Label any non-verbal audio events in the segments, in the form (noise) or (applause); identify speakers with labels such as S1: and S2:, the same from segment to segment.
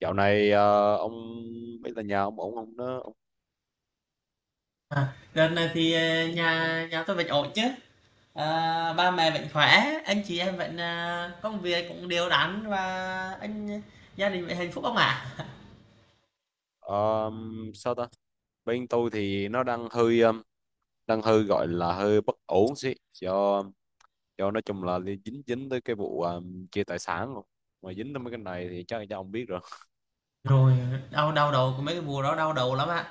S1: Dạo này ông biết là nhà ông ổn không đó ông?
S2: À, đợt này thì nhà nhà tôi vẫn ổn chứ, à, ba mẹ vẫn khỏe, anh chị em vẫn, à, công việc cũng đều đặn, và anh gia đình vẫn hạnh phúc không ạ?
S1: Ờ, sao ta Bên tôi thì nó đang đang hơi gọi là hơi bất ổn xí do nói chung là dính dính tới cái chia tài sản rồi, mà dính tới mấy cái này thì chắc là ông biết rồi.
S2: Rồi đau đau đầu của mấy cái mùa đó, đau đầu lắm ạ.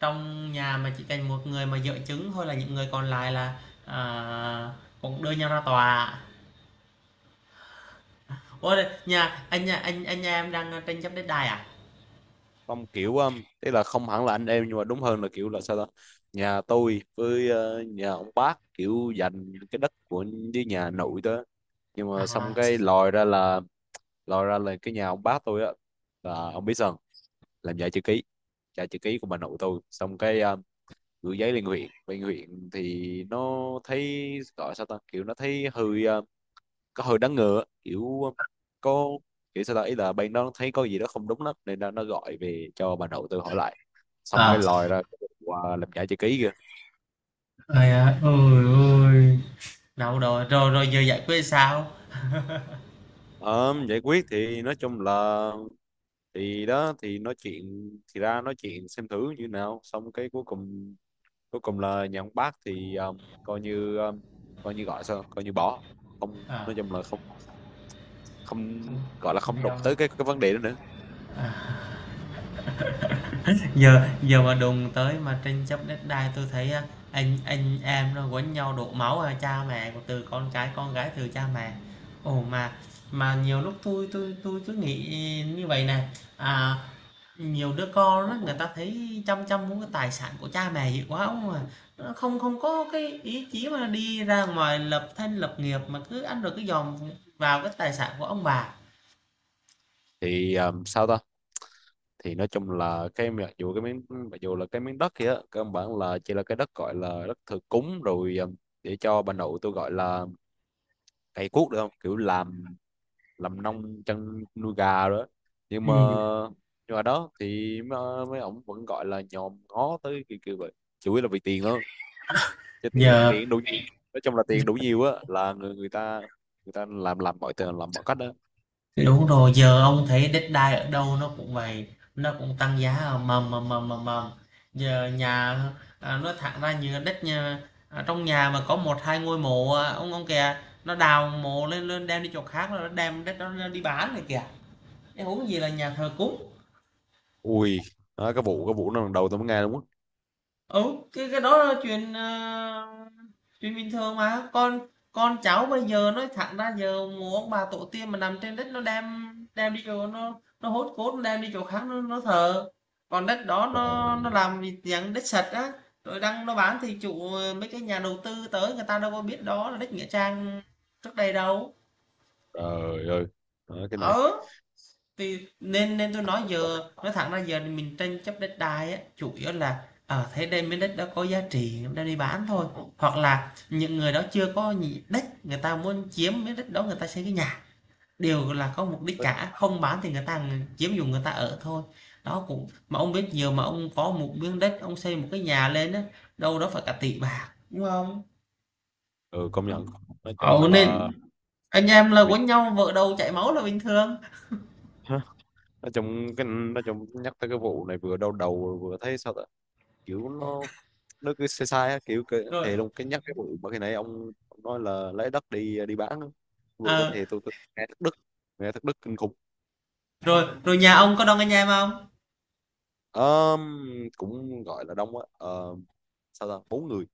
S2: Trong nhà mà chỉ cần một người mà dẫn chứng thôi là những người còn lại là, à, cũng đưa nhau ra tòa. Ôi, nhà anh, nhà em đang tranh chấp đất đai
S1: Không kiểu tức là không hẳn là anh em, nhưng mà đúng hơn là kiểu là sao ta nhà tôi nhà ông bác kiểu dành cái đất của, với nhà nội đó. Nhưng mà xong
S2: à
S1: cái lòi ra là cái nhà ông bác tôi á, là ông biết sao, làm giả chữ ký, giả chữ ký của bà nội tôi, xong gửi giấy lên huyện, bên huyện thì nó thấy, gọi sao ta kiểu nó thấy có hơi đáng ngờ á, có kiểu sao ta ý là bên đó thấy có gì đó không đúng lắm nên nó gọi về cho bà nội tôi hỏi lại, xong
S2: à
S1: cái lòi ra cái quả làm giả chữ ký kìa.
S2: Ôi, ôi, ôi. Đâu rồi, rồi, rồi giờ giải quyết sao?
S1: Ờ, giải quyết thì nói chung là thì đó thì nói chuyện thì ra nói chuyện xem thử như nào, xong cái cuối cùng, cuối cùng là nhà ông bác thì coi như gọi sao coi như bỏ, không
S2: À.
S1: nói chung là không, không
S2: Ừ,
S1: gọi là không đụng tới cái vấn đề đó nữa.
S2: giờ giờ mà đùng tới mà tranh chấp đất đai tôi thấy anh em nó quấn nhau đổ máu, à, cha mẹ từ con cái, con gái từ cha mẹ. Ồ, mà nhiều lúc tôi cứ nghĩ như vậy này, à, nhiều đứa con đó người ta thấy chăm chăm muốn cái tài sản của cha mẹ, hiểu quá không à. Nó không không có cái ý chí mà đi ra ngoài lập thân lập nghiệp, mà cứ ăn rồi cứ dòm vào cái tài sản của ông bà.
S1: Thì sao ta thì nói chung là cái mặc dù cái miếng, mặc dù là cái miếng đất kia á, cơ bản là chỉ là cái đất gọi là đất thờ cúng rồi để cho bà nội tôi gọi là cày cuốc được, không kiểu làm nông chăn nuôi gà rồi đó. Nhưng mà,
S2: Ừ,
S1: nhưng mà đó thì mấy ổng vẫn gọi là nhòm ngó tới kiểu vậy, chủ yếu là vì tiền thôi, chứ tiền
S2: giờ.
S1: tiền đủ nhiều, nói chung là tiền đủ nhiều á là người ta, người ta làm mọi tiền, làm mọi cách đó.
S2: Thì đúng rồi, giờ ông thấy Deadline ở đâu nó cũng vậy, nó cũng tăng giá mầm mầm mầm mầm mầm. Giờ nhà, à, nói thẳng ra như đất nhà, à, trong nhà mà có một hai ngôi mộ, à, ông kìa, nó đào mộ lên, đem đi chỗ khác rồi nó đem đất đó đi bán này kìa. Cái huống gì là nhà thờ cúng.
S1: Ui, đó, cái vụ nó lần đầu tôi mới nghe luôn á.
S2: Ừ, cái đó là chuyện, ờ, chuyện bình thường mà con cháu bây giờ, nói thẳng ra giờ mồ ông bà tổ tiên mà nằm trên đất, nó đem đem đi chỗ, nó, hốt cốt nó đem đi chỗ khác, nó thờ, còn đất đó
S1: Trời,
S2: nó làm gì, dạng đất sạch á, rồi đang nó bán thì chủ, ờ, mấy cái nhà đầu tư tới người ta đâu có biết đó là đất nghĩa trang trước đây đâu.
S1: trời ơi, đó, cái này
S2: Ờ, thì nên nên tôi nói giờ nói thẳng ra giờ mình tranh chấp đất đai á, chủ yếu là ở thế đây, miếng đất đó có giá trị đang đi bán thôi, hoặc là những người đó chưa có đất, người ta muốn chiếm miếng đất đó, người ta xây cái nhà, đều là có mục đích cả. Không bán thì người ta chiếm dùng, người ta ở thôi. Đó, cũng mà ông biết, nhiều mà ông có một miếng đất ông xây một cái nhà lên á, đâu đó phải cả tỷ bạc đúng không.
S1: ừ công nhận, nói chung
S2: Ồ, nên
S1: là.
S2: anh em là
S1: Vì,
S2: quấn nhau vợ đầu chảy máu là bình thường.
S1: hả? Nói chung cái nói chung nhắc tới cái vụ này vừa đau đầu vừa thấy sao ta kiểu nó cứ sai sai á, kiểu cái,
S2: Rồi,
S1: thề luôn cái nhắc cái vụ mà khi nãy ông nói là lấy đất đi đi bán á. Cái vụ đó
S2: ờ,
S1: thì tôi nghe thất đức, nghe thất đức kinh khủng.
S2: rồi rồi nhà ông có đông anh em không?
S1: Ờm, cũng gọi là đông á. Sao ta bốn người.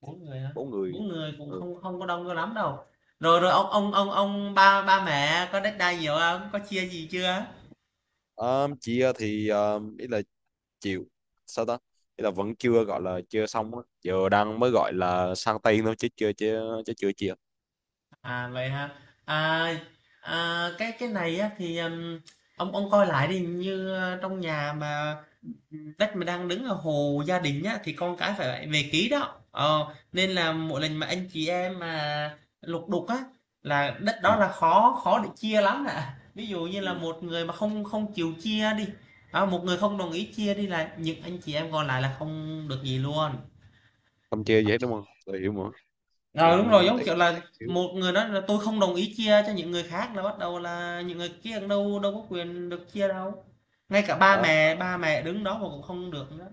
S2: Bốn người hả?
S1: Bốn người.
S2: Bốn người cũng
S1: Ừ.
S2: không không có đông cho lắm đâu. Rồi rồi ông ba ba mẹ có đất đai nhiều không, có chia gì chưa?
S1: Thì ý là chịu, sao ta ý là vẫn chưa gọi là chưa xong á, giờ đang mới gọi là sang tay thôi, chứ chưa chưa chứ chưa chia.
S2: À vậy ha, à, à cái này á thì, ông coi lại đi, như, ờ, trong nhà mà đất mà đang đứng ở hồ gia đình nhá thì con cái phải về ký đó. Ờ, nên là mỗi lần mà anh chị em mà lục đục á là đất đó
S1: Ừ.
S2: là khó khó để chia lắm ạ. Ví dụ như
S1: Ừ.
S2: là một người mà không không chịu chia đi, à, một người không đồng ý chia đi là những anh chị em còn lại là không được gì luôn.
S1: Không chia gì hết đúng không, tôi hiểu mà.
S2: Ờ đúng rồi,
S1: Mình
S2: giống
S1: ấy,
S2: kiểu
S1: sao ta
S2: là
S1: kiểu.
S2: một người nói là tôi không đồng ý chia cho những người khác là bắt đầu là những người kia đâu đâu có quyền được chia đâu. Ngay cả ba
S1: Đó,
S2: mẹ ba mẹ đứng đó mà cũng không được nữa.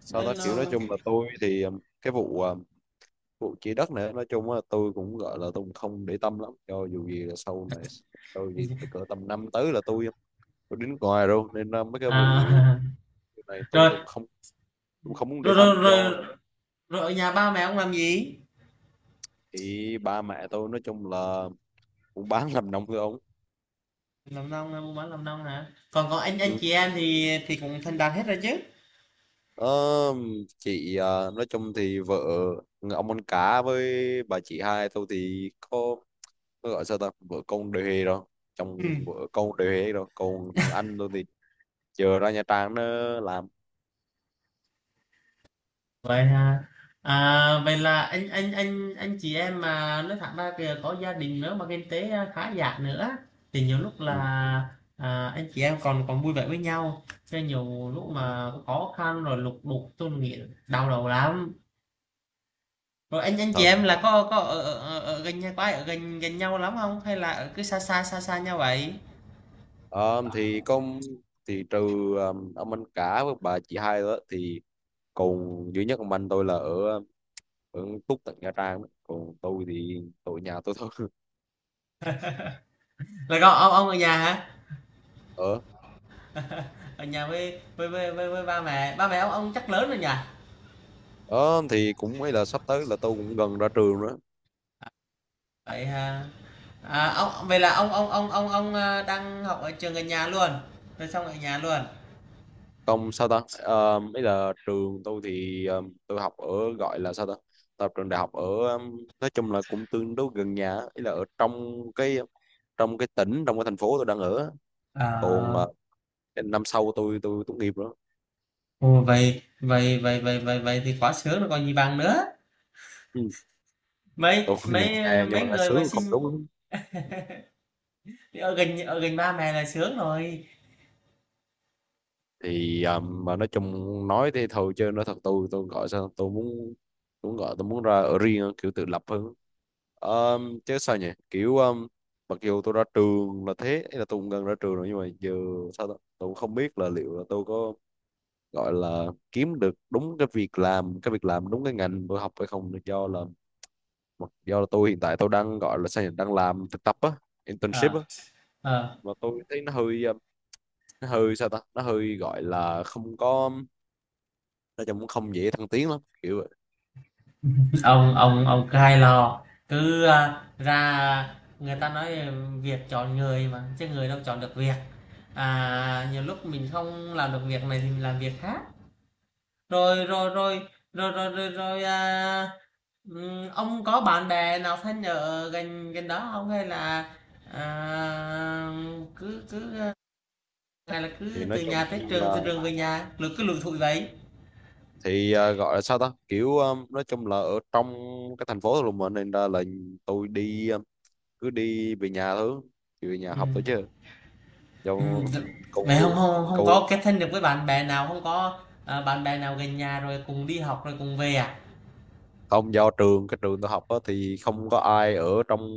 S1: sao
S2: Nên
S1: ta kiểu
S2: là,
S1: nói chung là tôi thì cái vụ vụ chia đất này nói chung là tôi cũng gọi là tôi cũng không để tâm lắm, cho dù gì là sau này, cho dù gì từ cỡ tầm năm tới là tôi đến ngoài luôn, nên là mấy cái vụ mấy
S2: à.
S1: cái này
S2: (laughs) Rồi
S1: tôi cũng không, tôi không muốn
S2: rồi
S1: để tâm
S2: rồi
S1: do là.
S2: rồi, rồi ở nhà ba mẹ ông làm gì?
S1: Thì ba mẹ tôi nói chung là cũng bán làm nông thôi ông.
S2: Làm nông buôn bán, làm nông hả? Còn có anh
S1: Ừ.
S2: chị em thì cũng thành đạt hết rồi chứ?
S1: Ờ, chị à, nói chung thì vợ người ông ăn cá với bà chị hai tôi thì có gọi sao ta vợ con đều hề rồi, chồng vợ
S2: Ừ.
S1: con đều hề rồi, còn thằng anh tôi thì chờ ra Nha Trang nó làm.
S2: Vậy hả? À, vậy là anh chị em mà nói thẳng ra kìa có gia đình nữa mà kinh tế khá giả nữa, thì nhiều lúc là,
S1: Ừ.
S2: à, anh chị em còn còn vui vẻ với nhau, cho nhiều lúc mà có khó khăn rồi lục đục tôi nghĩ đau đầu lắm. Rồi anh chị
S1: Thật.
S2: em là có ở, ở, ở, gần nhau quá, ở gần gần nhau lắm không, hay là ở cứ xa xa xa xa nhau vậy?
S1: Ờ, thì trừ ông anh cả với bà chị hai đó thì còn duy nhất ông anh tôi là ở ở Túc tận Nha Trang đó. Còn tôi thì tôi ở nhà tôi thôi.
S2: Là con ông ở nhà hả?
S1: (laughs) Ở,
S2: Ở nhà với ba mẹ. Ba mẹ ông chắc lớn rồi nhỉ?
S1: ở thì cũng ấy là sắp tới là tôi cũng gần ra trường nữa.
S2: Vậy hả? À, ông vậy là ông, à, đang học ở trường gần nhà luôn. Rồi xong ở nhà luôn.
S1: Không sao ta ờ, ấy là trường tôi tôi học ở gọi là sao ta tập trường đại học nói chung là cũng tương đối gần nhà, ấy là ở trong cái, trong cái tỉnh, trong cái thành phố tôi đang ở á. còn
S2: À,
S1: ờ, năm sau tôi tốt nghiệp nữa.
S2: ồ, vậy vậy vậy vậy vậy vậy thì quá sướng rồi còn gì bằng nữa.
S1: Ừ.
S2: Mấy
S1: Tôi (laughs)
S2: mấy
S1: nhưng
S2: mấy
S1: mà nghe
S2: người mà
S1: sướng không
S2: xin
S1: đúng.
S2: ở gần ba mẹ là sướng rồi.
S1: Thì à, mà nói chung nói thế thôi chứ nói thật tôi gọi sao tôi muốn, tôi muốn gọi tôi muốn ra ở riêng á, kiểu tự lập hơn. Chứ sao nhỉ kiểu mặc dù tôi ra trường là thế, ý là tôi cũng gần ra trường rồi, nhưng mà giờ sao ta? Tôi cũng không biết là liệu là tôi có gọi là kiếm được đúng cái việc làm đúng cái ngành tôi học hay không được do là, mặc do là tôi hiện tại tôi đang gọi là sao nhỉ đang làm thực tập á, internship á,
S2: Ờ, ờ,
S1: mà tôi thấy nó hơi sao ta nó hơi gọi là không có, nói chung cũng không dễ thăng tiến lắm kiểu vậy.
S2: ông cứ hay lo, cứ, à, ra người ta nói việc chọn người mà chứ người đâu chọn được việc, à, nhiều lúc mình không làm được việc này thì mình làm việc khác. rồi rồi rồi rồi, à, ông có bạn bè nào thân ở gần gần đó không, hay là, à, cứ cứ à, hay là
S1: Thì
S2: cứ
S1: nói
S2: từ
S1: chung
S2: nhà tới trường,
S1: là
S2: từ trường về nhà rồi cứ lủi thủi vậy?
S1: thì à, gọi là sao ta kiểu à, nói chung là ở trong cái thành phố của mình nên là tôi cứ đi về nhà thôi, về nhà học thôi chứ do
S2: D
S1: câu
S2: vậy không,
S1: lối
S2: hông hông có
S1: câu.
S2: kết thân được với bạn bè nào, không có, ờ, bạn bè nào gần nhà rồi cùng đi học rồi cùng về à?
S1: Không, do trường trường tôi học á, thì không có ai ở trong,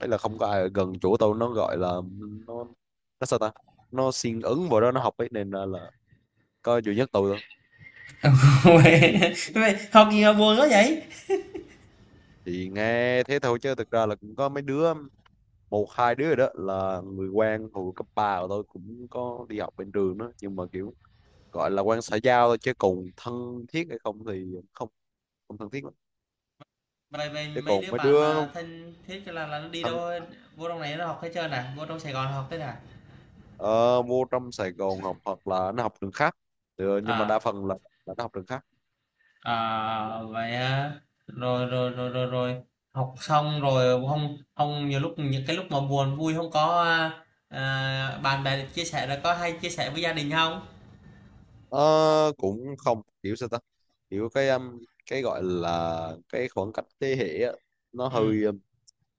S1: đấy là không có ai ở gần chỗ tôi, nó gọi là nó nó sao ta, nó siêng ứng vào đó nó học ấy, nên là có duy nhất tôi thôi.
S2: (laughs) Uầy, vậy học gì mà buồn quá vậy?
S1: Thì nghe thế thôi chứ thực ra là cũng có mấy đứa, một hai đứa rồi đó là người quen hồi cấp ba của tôi cũng có đi học bên trường đó, nhưng mà kiểu gọi là quen xã giao thôi, chứ còn thân thiết hay không thì không, không thân thiết lắm.
S2: Vậy
S1: Chứ
S2: mấy
S1: còn
S2: đứa
S1: mấy
S2: bạn
S1: đứa
S2: mà thân thiết là nó đi
S1: thân,
S2: đâu, vô trong này nó học hết trơn à? Vô trong Sài Gòn học hết à?
S1: ờ, vô trong Sài Gòn học hoặc là nó học trường khác, thì ờ, nhưng mà đa
S2: À,
S1: phần là nó học trường khác.
S2: à, vậy á, rồi, học xong rồi không không nhiều lúc những cái lúc mà buồn vui không có, a, à, bạn bè chia sẻ rồi, có hay chia sẻ với gia đình không?
S1: Ờ, cũng không kiểu sao ta kiểu cái gọi là cái khoảng cách thế hệ á, nó
S2: Ừm.
S1: hơi um,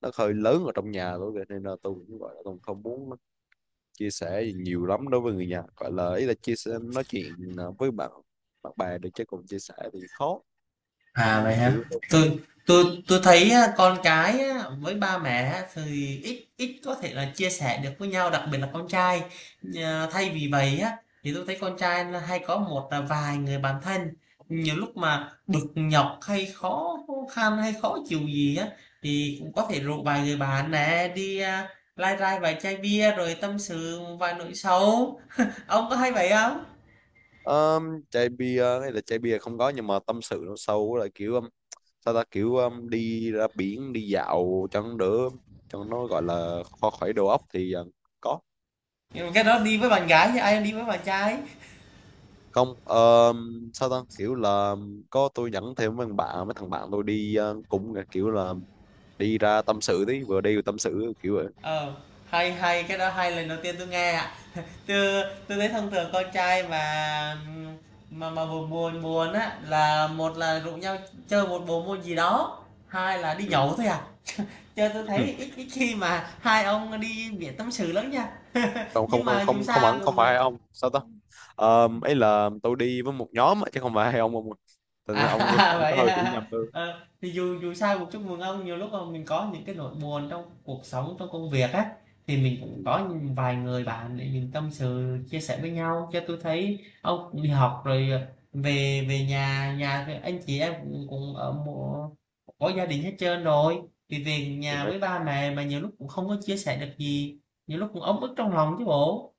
S1: nó hơi lớn ở trong nhà tôi kìa, nên là tôi cũng gọi là tôi không muốn chia sẻ nhiều lắm đối với người nhà, gọi là ý là chia sẻ nói chuyện với bạn bạn bè được, chứ còn chia sẻ thì khó. Ừ,
S2: À, vậy hả?
S1: kiểu,
S2: Tôi
S1: kiểu,
S2: tôi thấy á, con cái á, với ba mẹ á, thì ít ít có thể là chia sẻ được với nhau, đặc biệt là con trai. Nhờ- thay vì vậy á thì tôi thấy con trai là hay có một là vài người bạn thân. Nhiều lúc mà bực nhọc hay khó khăn hay khó chịu gì á, thì cũng có thể rủ vài người bạn nè đi, à, lai rai vài chai bia rồi tâm sự vài nỗi sầu. (laughs) Ông có hay vậy không?
S1: um, chai bia hay là chai bia không có, nhưng mà tâm sự nó sâu là kiểu sao ta kiểu đi ra biển đi dạo cho nó đỡ, cho nó gọi là kho khỏi đầu óc thì có.
S2: Nhưng mà cái đó đi với bạn gái chứ ai đi với bạn trai.
S1: Không sao ta kiểu là có tôi dẫn thêm mấy thằng bạn tôi đi, cũng là kiểu là đi ra tâm sự tí, vừa đi vừa tâm sự kiểu vậy.
S2: Ờ, hay, hay, cái đó hay, lần đầu tiên tôi nghe ạ. (laughs) Tôi thấy thông thường con trai mà, buồn buồn buồn á là một là rủ nhau chơi một bộ môn gì đó, hai là đi nhậu thôi à. Chơi tôi
S1: Ừ.
S2: thấy ít ít khi mà hai ông đi biển tâm sự lắm nha. (laughs)
S1: không không
S2: Nhưng
S1: không
S2: mà dù
S1: không không
S2: sao
S1: hẳn không
S2: cũng,
S1: phải
S2: ờ,
S1: hai ông sao ta. Ờ, ấy là tôi đi với một nhóm á, chứ không phải hai ông ạ. Thành ra
S2: à.
S1: ông (laughs)
S2: (laughs)
S1: ông có
S2: Vậy
S1: hơi hiểu
S2: hả?
S1: nhầm tôi.
S2: Ờ, thì dù dù sao cũng chúc mừng ông, nhiều lúc mà mình có những cái nỗi buồn trong cuộc sống, trong công việc á, thì mình cũng
S1: Ừ.
S2: có vài người bạn để mình tâm sự, chia sẻ với nhau, cho tôi thấy ông cũng đi học rồi, ờ, về về nhà thì anh chị em cũng, cũng ở một, có gia đình hết trơn rồi, thì về
S1: thì
S2: nhà
S1: nói
S2: với ba mẹ mà nhiều lúc cũng không có chia sẻ được gì, nhiều lúc cũng ấm ức trong lòng chứ bộ.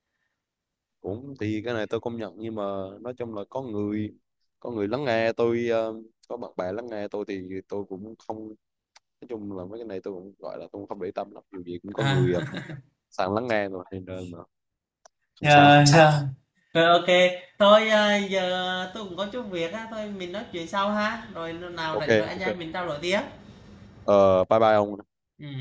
S1: cũng thì cái này tôi công nhận, nhưng mà nói chung là có người, có người lắng nghe tôi ờ, có bạn bè lắng nghe tôi thì tôi cũng không, nói chung là mấy cái này tôi cũng gọi là tôi cũng không để tâm lắm, dù gì cũng có
S2: À,
S1: người sẵn lắng nghe rồi, nên là không sao.
S2: ờ, rồi ok, thôi, à, giờ tôi cũng có chút việc á, thôi mình nói chuyện sau ha, rồi nào
S1: Ok,
S2: rảnh rồi anh
S1: ok,
S2: em mình trao đổi tiếp.
S1: ờ, bye bye ông.
S2: Ừ.